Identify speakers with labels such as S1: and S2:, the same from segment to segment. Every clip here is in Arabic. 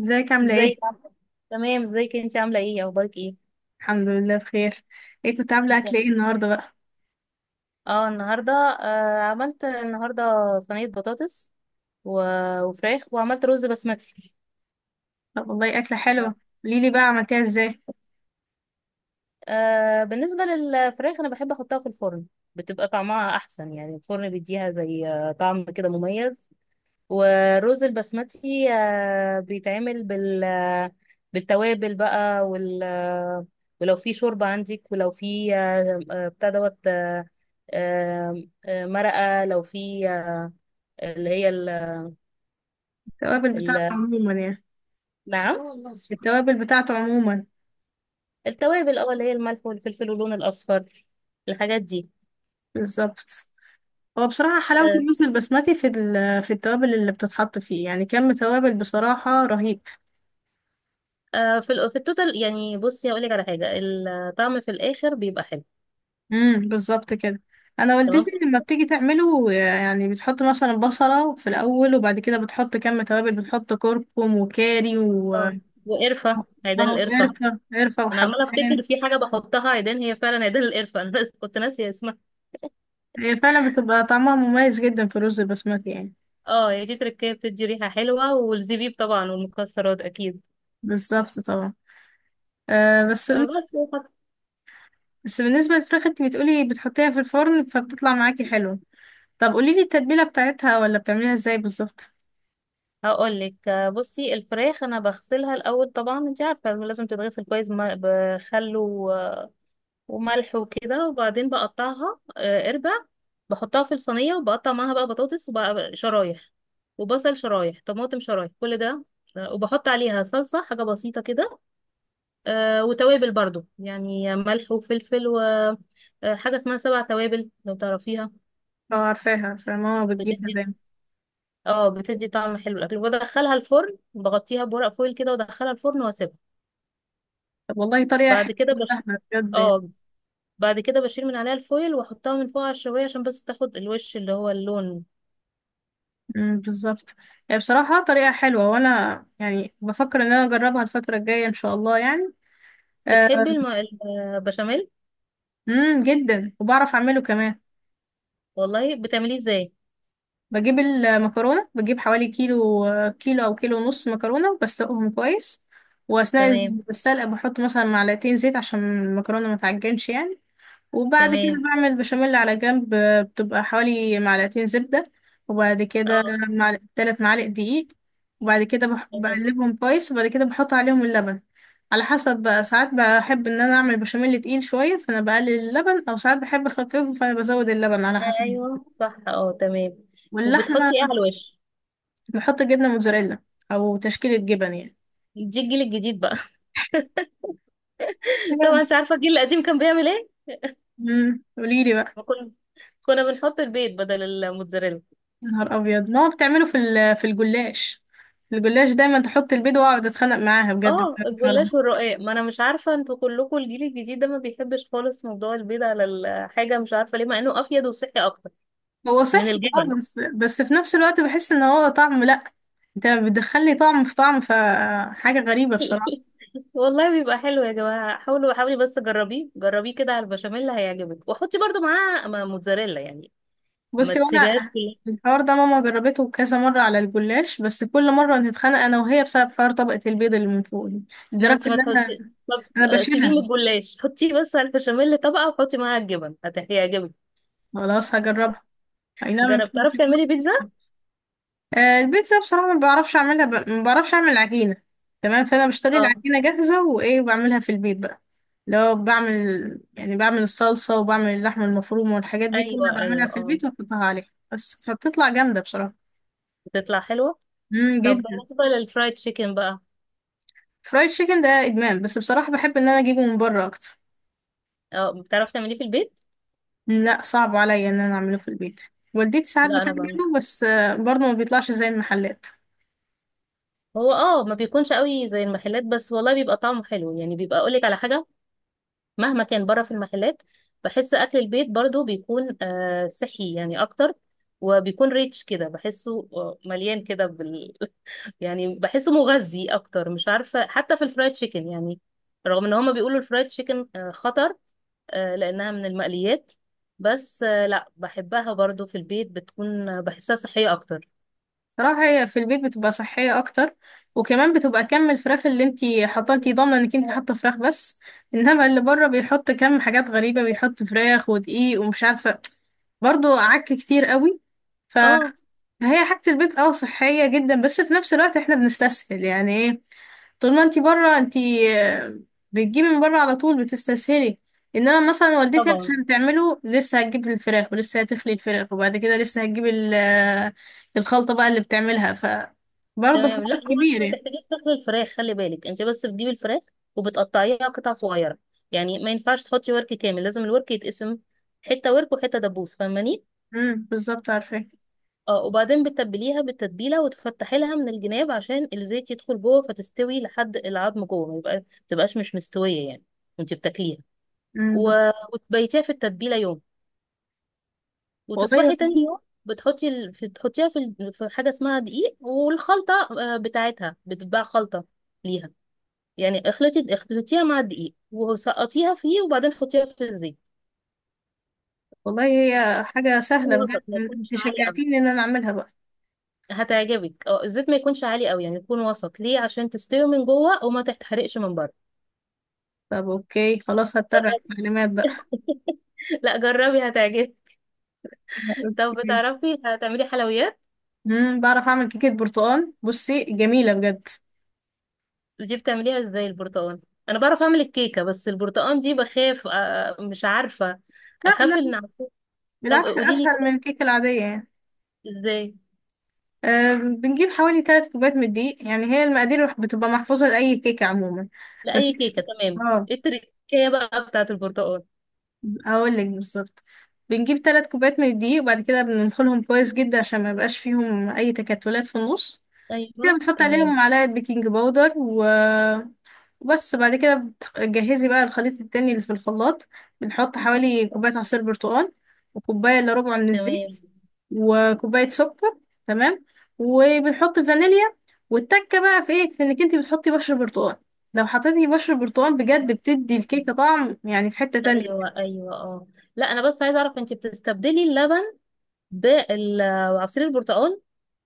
S1: ازيك عاملة ايه؟
S2: ازيك عاملة- تمام، ازيك انت عامله ايه؟ اخبارك ايه؟
S1: الحمد لله بخير. ايه كنت عاملة أكل
S2: تمام.
S1: ايه النهاردة بقى؟
S2: اه النهارده آه عملت النهارده صينيه بطاطس وفراخ وعملت رز بسمتي.
S1: طب والله أكلة حلوة. قوليلي بقى عملتيها ازاي؟
S2: بالنسبه للفراخ انا بحب احطها في الفرن، بتبقى طعمها احسن، يعني الفرن بيديها زي طعم كده مميز. ورز البسمتي بيتعمل بالتوابل بقى، وال آه، ولو في شوربة عندك، ولو في بتاع دوت آه، آه، آه، مرقة، لو في اللي هي
S1: التوابل بتاعته
S2: ال...
S1: عموما يعني.
S2: نعم.
S1: التوابل بتاعته عموما.
S2: التوابل، اللي هي الملح والفلفل واللون الأصفر، الحاجات دي.
S1: بالظبط. هو بصراحة حلاوة
S2: آه،
S1: الرز البسمتي في في التوابل اللي بتتحط فيه، يعني كم توابل بصراحة رهيب.
S2: في التوتال، يعني بصي هقول لك على حاجة، الطعم في الآخر بيبقى حلو.
S1: بالظبط كده. انا والدتي
S2: تمام.
S1: لما بتيجي تعمله يعني بتحط مثلا بصلة في الأول وبعد كده بتحط كم توابل، بتحط كركم وكاري و
S2: اه وقرفة، عيدان
S1: اه
S2: القرفة.
S1: وقرفة
S2: انا عماله افتكر
S1: وحبهان.
S2: في حاجه بحطها عيدان، هي فعلا عيدان القرفه، انا كنت ناسيه اسمها.
S1: هي فعلا بتبقى طعمها مميز جدا في الرز البسمتي يعني.
S2: اه، هي دي تركيه، بتدي ريحه حلوه، والزبيب طبعا، والمكسرات اكيد.
S1: بالظبط طبعا. آه بس
S2: بس.
S1: بس بالنسبة للفراخ انت بتقولي بتحطيها في الفرن فبتطلع معاكي حلو. طب قوليلي التتبيلة بتاعتها ولا بتعمليها ازاي بالظبط.
S2: هقول لك، بصي الفراخ انا بغسلها الاول طبعا، انت عارفه لازم تتغسل كويس، بخل وملح وكده، وبعدين بقطعها اربع. بحطها في الصينيه، وبقطع معاها بقى بطاطس، وبقى شرايح، وبصل شرايح، طماطم شرايح، كل ده. وبحط عليها صلصه، حاجه بسيطه كده. وتوابل برضو، يعني ملح وفلفل وحاجة اسمها سبع توابل لو تعرفيها.
S1: اه، عارفاها عارفاها، ماما بتجيبها
S2: بتدي
S1: دايما.
S2: اه بتدي طعم حلو للأكل. بدخلها الفرن، بغطيها بورق فويل كده، وادخلها الفرن واسيبها.
S1: طب والله طريقة
S2: بعد
S1: حلوة
S2: كده بش...
S1: وسهلة بجد يعني.
S2: اه بعد كده بشيل من عليها الفويل، واحطها من فوق على الشواية عشان بس تاخد الوش، اللي هو اللون.
S1: بالظبط. هي بصراحة طريقة حلوة وانا يعني بفكر ان انا اجربها الفترة الجاية ان شاء الله يعني.
S2: بتحبي الم... البشاميل؟
S1: جدا. وبعرف اعمله كمان.
S2: والله، بتعمليه ازاي؟
S1: بجيب المكرونة، بجيب حوالي كيلو، كيلو أو كيلو ونص مكرونة وبسلقهم كويس. وأثناء
S2: تمام.
S1: السلقة بحط مثلا معلقتين زيت عشان المكرونة ما تعجنش يعني. وبعد كده
S2: تمام.
S1: بعمل بشاميل على جنب، بتبقى حوالي معلقتين زبدة. وبعد كده
S2: اه،
S1: تلات معالق دقيق. وبعد كده
S2: تمام.
S1: بقلبهم كويس وبعد كده بحط عليهم اللبن، على حسب بقى. ساعات بحب ان انا اعمل بشاميل تقيل شويه فانا بقلل اللبن، او ساعات بحب اخففه فانا بزود اللبن على حسب.
S2: ايوه، صح، اه، تمام.
S1: واللحمه
S2: وبتحطي ايه على الوش؟
S1: نحط جبنة موتزاريلا أو تشكيلة جبن يعني.
S2: دي الجيل الجديد بقى. طبعا
S1: حاجة.
S2: انت عارفه الجيل القديم كان بيعمل ايه؟
S1: قوليلي بقى.
S2: ما كنا كنا بنحط البيض بدل الموتزاريلا.
S1: يا نهار أبيض، ما هو بتعمله في في الجلاش. الجلاش دايما تحط البيض، وأقعد أتخانق معاها بجد
S2: اه،
S1: في الحوار ده.
S2: الجلاش والرقاق، ما انا مش عارفه انتوا كلكم الجيل الجديد ده ما بيحبش خالص موضوع البيض على الحاجه، مش عارفه ليه، مع انه افيد وصحي اكتر
S1: هو
S2: من
S1: صحي
S2: الجبن.
S1: اه، بس في نفس الوقت بحس إن هو طعم لأ. أنت بتدخلي طعم في طعم، فحاجة غريبة بصراحة.
S2: والله بيبقى حلو يا جماعه، حاولوا، حاولي بس جربيه، جربيه كده على البشاميل هيعجبك، وحطي برضو معاه موتزاريلا يعني. ما
S1: بصي
S2: تسيبيهاش
S1: وأنا.
S2: كلها.
S1: الحوار ده ماما جربته كذا مرة على الجلاش، بس كل مرة نتخانق أنا وهي بسبب حوار طبقة البيض اللي من فوق دي،
S2: ما
S1: لدرجة
S2: انت ما
S1: إن أنا.
S2: تحطي، طب
S1: أنا
S2: سيبيه
S1: بشيلها.
S2: من الجلاش، حطيه بس على البشاميل طبقه، وحطي معاها الجبن هيعجبك.
S1: خلاص هجربها. اي نعم، ما
S2: جربت؟
S1: بحبش
S2: تعرف
S1: البيتزا.
S2: تعملي بيتزا؟
S1: البيتزا بصراحة ما بعرفش اعملها ما بعرفش اعمل عجينة. تمام، فانا بشتري
S2: اه،
S1: العجينة جاهزة وايه بعملها في البيت بقى. لو بعمل، يعني بعمل الصلصة وبعمل اللحمة المفرومة والحاجات دي
S2: ايوه،
S1: كلها بعملها
S2: ايوه،
S1: في
S2: اه،
S1: البيت واحطها عليها بس، فبتطلع جامدة بصراحة.
S2: بتطلع حلوه. طب
S1: جدا.
S2: بالنسبه للفرايد تشيكن بقى؟
S1: فرايد تشيكن ده ادمان، بس بصراحة بحب ان انا اجيبه من بره اكتر.
S2: اه، بتعرف تعمليه في البيت؟
S1: لا، صعب عليا ان انا اعمله في البيت. والدتي ساعات
S2: لا، انا بعمل.
S1: بتعمله بس برضه ما بيطلعش زي المحلات.
S2: هو ما بيكونش قوي زي المحلات، بس والله بيبقى طعمه حلو، يعني بيبقى، اقولك على حاجه، مهما كان بره في المحلات، بحس اكل البيت برضو بيكون صحي يعني اكتر، وبيكون ريتش كده، بحسه مليان كده يعني بحسه مغذي اكتر، مش عارفه، حتى في الفرايد تشيكن يعني، رغم ان هما بيقولوا الفرايد تشيكن خطر، لأنها من المقليات، بس لا، بحبها برضو، في البيت بتكون بحسها صحية أكتر.
S1: صراحة هي في البيت بتبقى صحية أكتر، وكمان بتبقى كم الفراخ اللي انتي حاطاه، انتي ضامنة انك انتي حاطة فراخ بس. انما اللي بره بيحط كم حاجات غريبة، بيحط فراخ ودقيق ومش عارفة، برضو عك كتير قوي. فهي
S2: اه،
S1: حاجة البيت اه صحية جدا، بس في نفس الوقت احنا بنستسهل يعني ايه. طول ما انتي بره انتي، آه، بتجيبي من بره على طول بتستسهلي. انما مثلا والدتي
S2: طبعا.
S1: عشان تعمله لسه هتجيب الفراخ ولسه هتخلي الفراخ وبعد كده لسه هتجيب الخلطة بقى اللي بتعملها ف. برضه
S2: تمام. لا
S1: حوار
S2: هو انت
S1: كبير
S2: ما
S1: يعني.
S2: تحتاجيش تاكلي الفراخ، خلي بالك انت بس بتجيبي الفراخ، وبتقطعيها قطع صغيرة، يعني ما ينفعش تحطي ورك كامل، لازم الورك يتقسم، حتة ورك وحتة دبوس، فاهماني؟
S1: بالظبط عارفة.
S2: اه، وبعدين بتتبليها بالتتبيلة، وتفتحي لها من الجناب عشان الزيت يدخل جوه فتستوي لحد العظم جوه، ما تبقاش مش مستوية يعني، وانت بتاكليها.
S1: امم
S2: و...
S1: بس-
S2: وتبيتيها في التتبيلة يوم، وتصبحي
S1: والله
S2: تاني يوم، بتحطيها في حاجة اسمها دقيق والخلطة بتاعتها، بتتباع خلطة ليها، يعني اخلطيها مع الدقيق، وسقطيها فيه، وبعدين حطيها في الزيت،
S1: والله هي حاجة سهلة
S2: يكون
S1: بجد،
S2: وسط ما يكونش
S1: انت
S2: عالي قوي.
S1: شجعتيني ان انا اعملها بقى.
S2: هتعجبك. اه، الزيت ما يكونش عالي قوي، يعني يكون وسط ليه عشان تستوي من جوه وما تتحرقش من بره.
S1: طب اوكي خلاص هتبع
S2: جربي.
S1: التعليمات بقى.
S2: لا، جربي هتعجبك. طب
S1: اوكي.
S2: بتعرفي هتعملي حلويات؟
S1: بعرف اعمل كيكة برتقال، بصي جميلة بجد.
S2: دي بتعمليها ازاي البرتقال؟ انا بعرف اعمل الكيكه، بس البرتقال دي بخاف مش عارفه.
S1: لا
S2: اخاف
S1: لا،
S2: ان أعمله. طب
S1: بالعكس
S2: قولي لي
S1: اسهل
S2: كده،
S1: من الكيكة العادية يعني.
S2: ازاي؟
S1: بنجيب حوالي ثلاث كوبايات من الدقيق، يعني هي المقادير بتبقى محفوظة لأي كيكة عموما. بس
S2: لاي كيكه تمام،
S1: اه،
S2: ايه التركية بقى بتاعه البرتقال؟
S1: هقول لك بالظبط. بنجيب ثلاث كوبايات من الدقيق وبعد كده بننخلهم كويس جدا عشان ما يبقاش فيهم أي تكتلات في النص. كده
S2: ايوه،
S1: بنحط عليهم
S2: تمام،
S1: معلقة بيكنج باودر وبس. بعد كده بتجهزي بقى الخليط التاني اللي في الخلاط. بنحط حوالي كوباية عصير برتقال وكوباية إلا ربع من
S2: تمام.
S1: الزيت وكوباية سكر. تمام. وبنحط فانيليا. والتكة بقى في ايه، في انك انتي بتحطي بشر برتقال. لو حطيتي بشر برتقال بجد بتدي الكيكة طعم يعني في حتة تانية.
S2: ايوه، ايوه، اه، لا، انا بس عايزه اعرف انت بتستبدلي اللبن بعصير البرتقال؟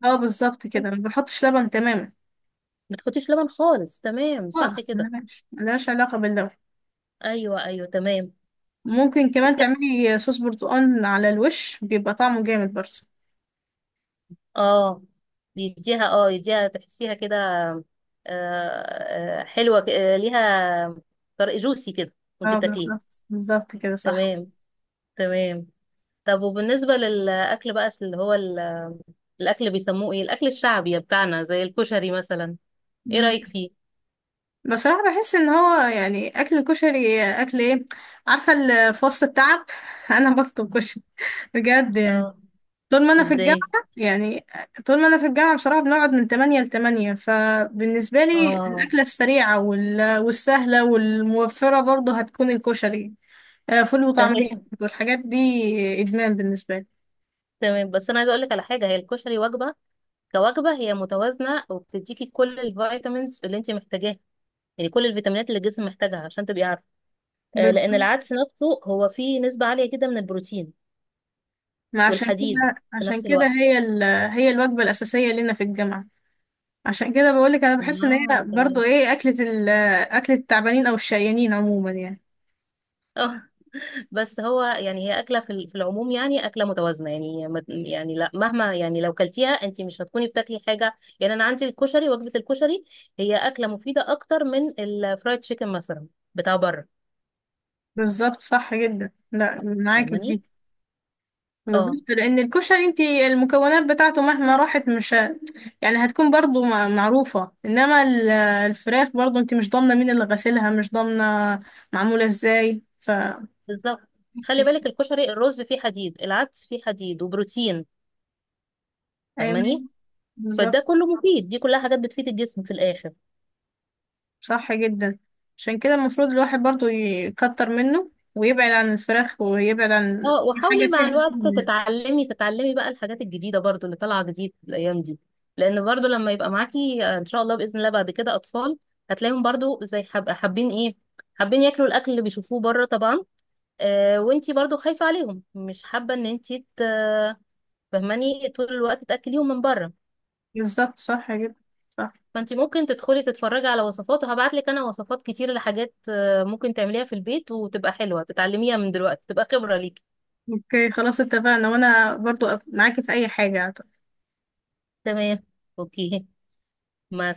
S1: اه بالظبط كده، ما بنحطش لبن تماما،
S2: ما تحطيش لبن خالص، تمام، صح
S1: خالص،
S2: كده.
S1: ملهاش ملهاش علاقة باللبن.
S2: ايوه، ايوه، تمام.
S1: ممكن كمان تعملي صوص برتقال على الوش بيبقى طعمه جامد برضه.
S2: اه، بيديها اه يديها، تحسيها كده حلوة ليها طرق جوسي كده، وانت
S1: اه
S2: بتاكليه.
S1: بالظبط بالظبط كده صح.
S2: تمام. تمام. طب وبالنسبة للأكل بقى، في اللي هو الأكل، بيسموه ايه الأكل الشعبي بتاعنا زي الكشري مثلا؟ ايه
S1: مم.
S2: رأيك فيه؟
S1: بصراحة بحس ان هو يعني اكل الكشري اكل ايه. عارفة في وسط التعب انا بطلب كشري بجد يعني.
S2: اه،
S1: طول ما انا في
S2: ازاي؟
S1: الجامعة يعني. طول ما انا في الجامعة بصراحة بنقعد من 8 ل 8، فبالنسبة لي
S2: اه،
S1: الاكلة السريعة والسهلة والموفرة برضه هتكون الكشري. فول وطعمية
S2: تمام،
S1: والحاجات دي، ادمان بالنسبة لي.
S2: تمام، بس انا عايزه اقول لك على حاجه، هي الكشري وجبه، كوجبه هي متوازنه، وبتديكي كل الفيتامينز اللي انت محتاجاها، يعني كل الفيتامينات اللي الجسم محتاجها عشان تبقي عارفه. لأن
S1: بالظبط.
S2: العدس نفسه هو فيه نسبة عالية جدا من البروتين
S1: ما عشان كده
S2: والحديد في
S1: عشان
S2: نفس
S1: كده
S2: الوقت.
S1: هي الوجبة الأساسية لنا في الجامعة. عشان كده بقولك انا بحس ان هي
S2: اه، تمام،
S1: برضو ايه، اكلة التعبانين او الشقيانين عموما يعني.
S2: اه. بس هو يعني، هي أكلة في العموم، يعني أكلة متوازنة، يعني يعني لا، مهما، يعني لو كلتيها أنت مش هتكوني بتاكلي حاجة، يعني أنا عندي الكشري، وجبة الكشري هي أكلة مفيدة أكتر من الفرايد تشيكن مثلا بتاع بره،
S1: بالظبط صح جدا، لا معاكي في
S2: فاهماني؟
S1: دي.
S2: اه،
S1: بالظبط، لان الكشري انت المكونات بتاعته مهما راحت مش يعني هتكون برضو معروفة، انما الفراخ برضو انت مش ضامنة مين اللي غسلها، مش ضامنة معمولة ازاي ف.
S2: بالظبط. خلي بالك، الكشري الرز فيه حديد، العدس فيه حديد وبروتين،
S1: ايوه
S2: فاهماني؟
S1: بالظبط
S2: فده كله مفيد، دي كلها حاجات بتفيد الجسم في الآخر.
S1: صح جدا. عشان كده المفروض الواحد برضو يكتر منه ويبعد عن الفراخ ويبعد عن
S2: اه،
S1: أي
S2: وحاولي
S1: حاجة
S2: مع
S1: فيها.
S2: الوقت تتعلمي، بقى الحاجات الجديدة برضو اللي طالعة جديد الأيام دي، لأن برضو لما يبقى معاكي إن شاء الله بإذن الله بعد كده أطفال، هتلاقيهم برضو زي حابين إيه، حابين ياكلوا الأكل اللي بيشوفوه بره طبعا. وانتي برضو خايفة عليهم، مش حابة إن فهماني، طول الوقت تأكليهم من بره.
S1: بالظبط صح جدا. صح.
S2: فانتي ممكن تدخلي تتفرجي على وصفات، وهبعتلك أنا وصفات كتير لحاجات ممكن تعمليها في البيت، وتبقى حلوة، تتعلميها من دلوقتي تبقى خبرة ليكي.
S1: اوكي خلاص اتفقنا، وانا برضو معاكي في اي حاجة.
S2: تمام. أوكي. مع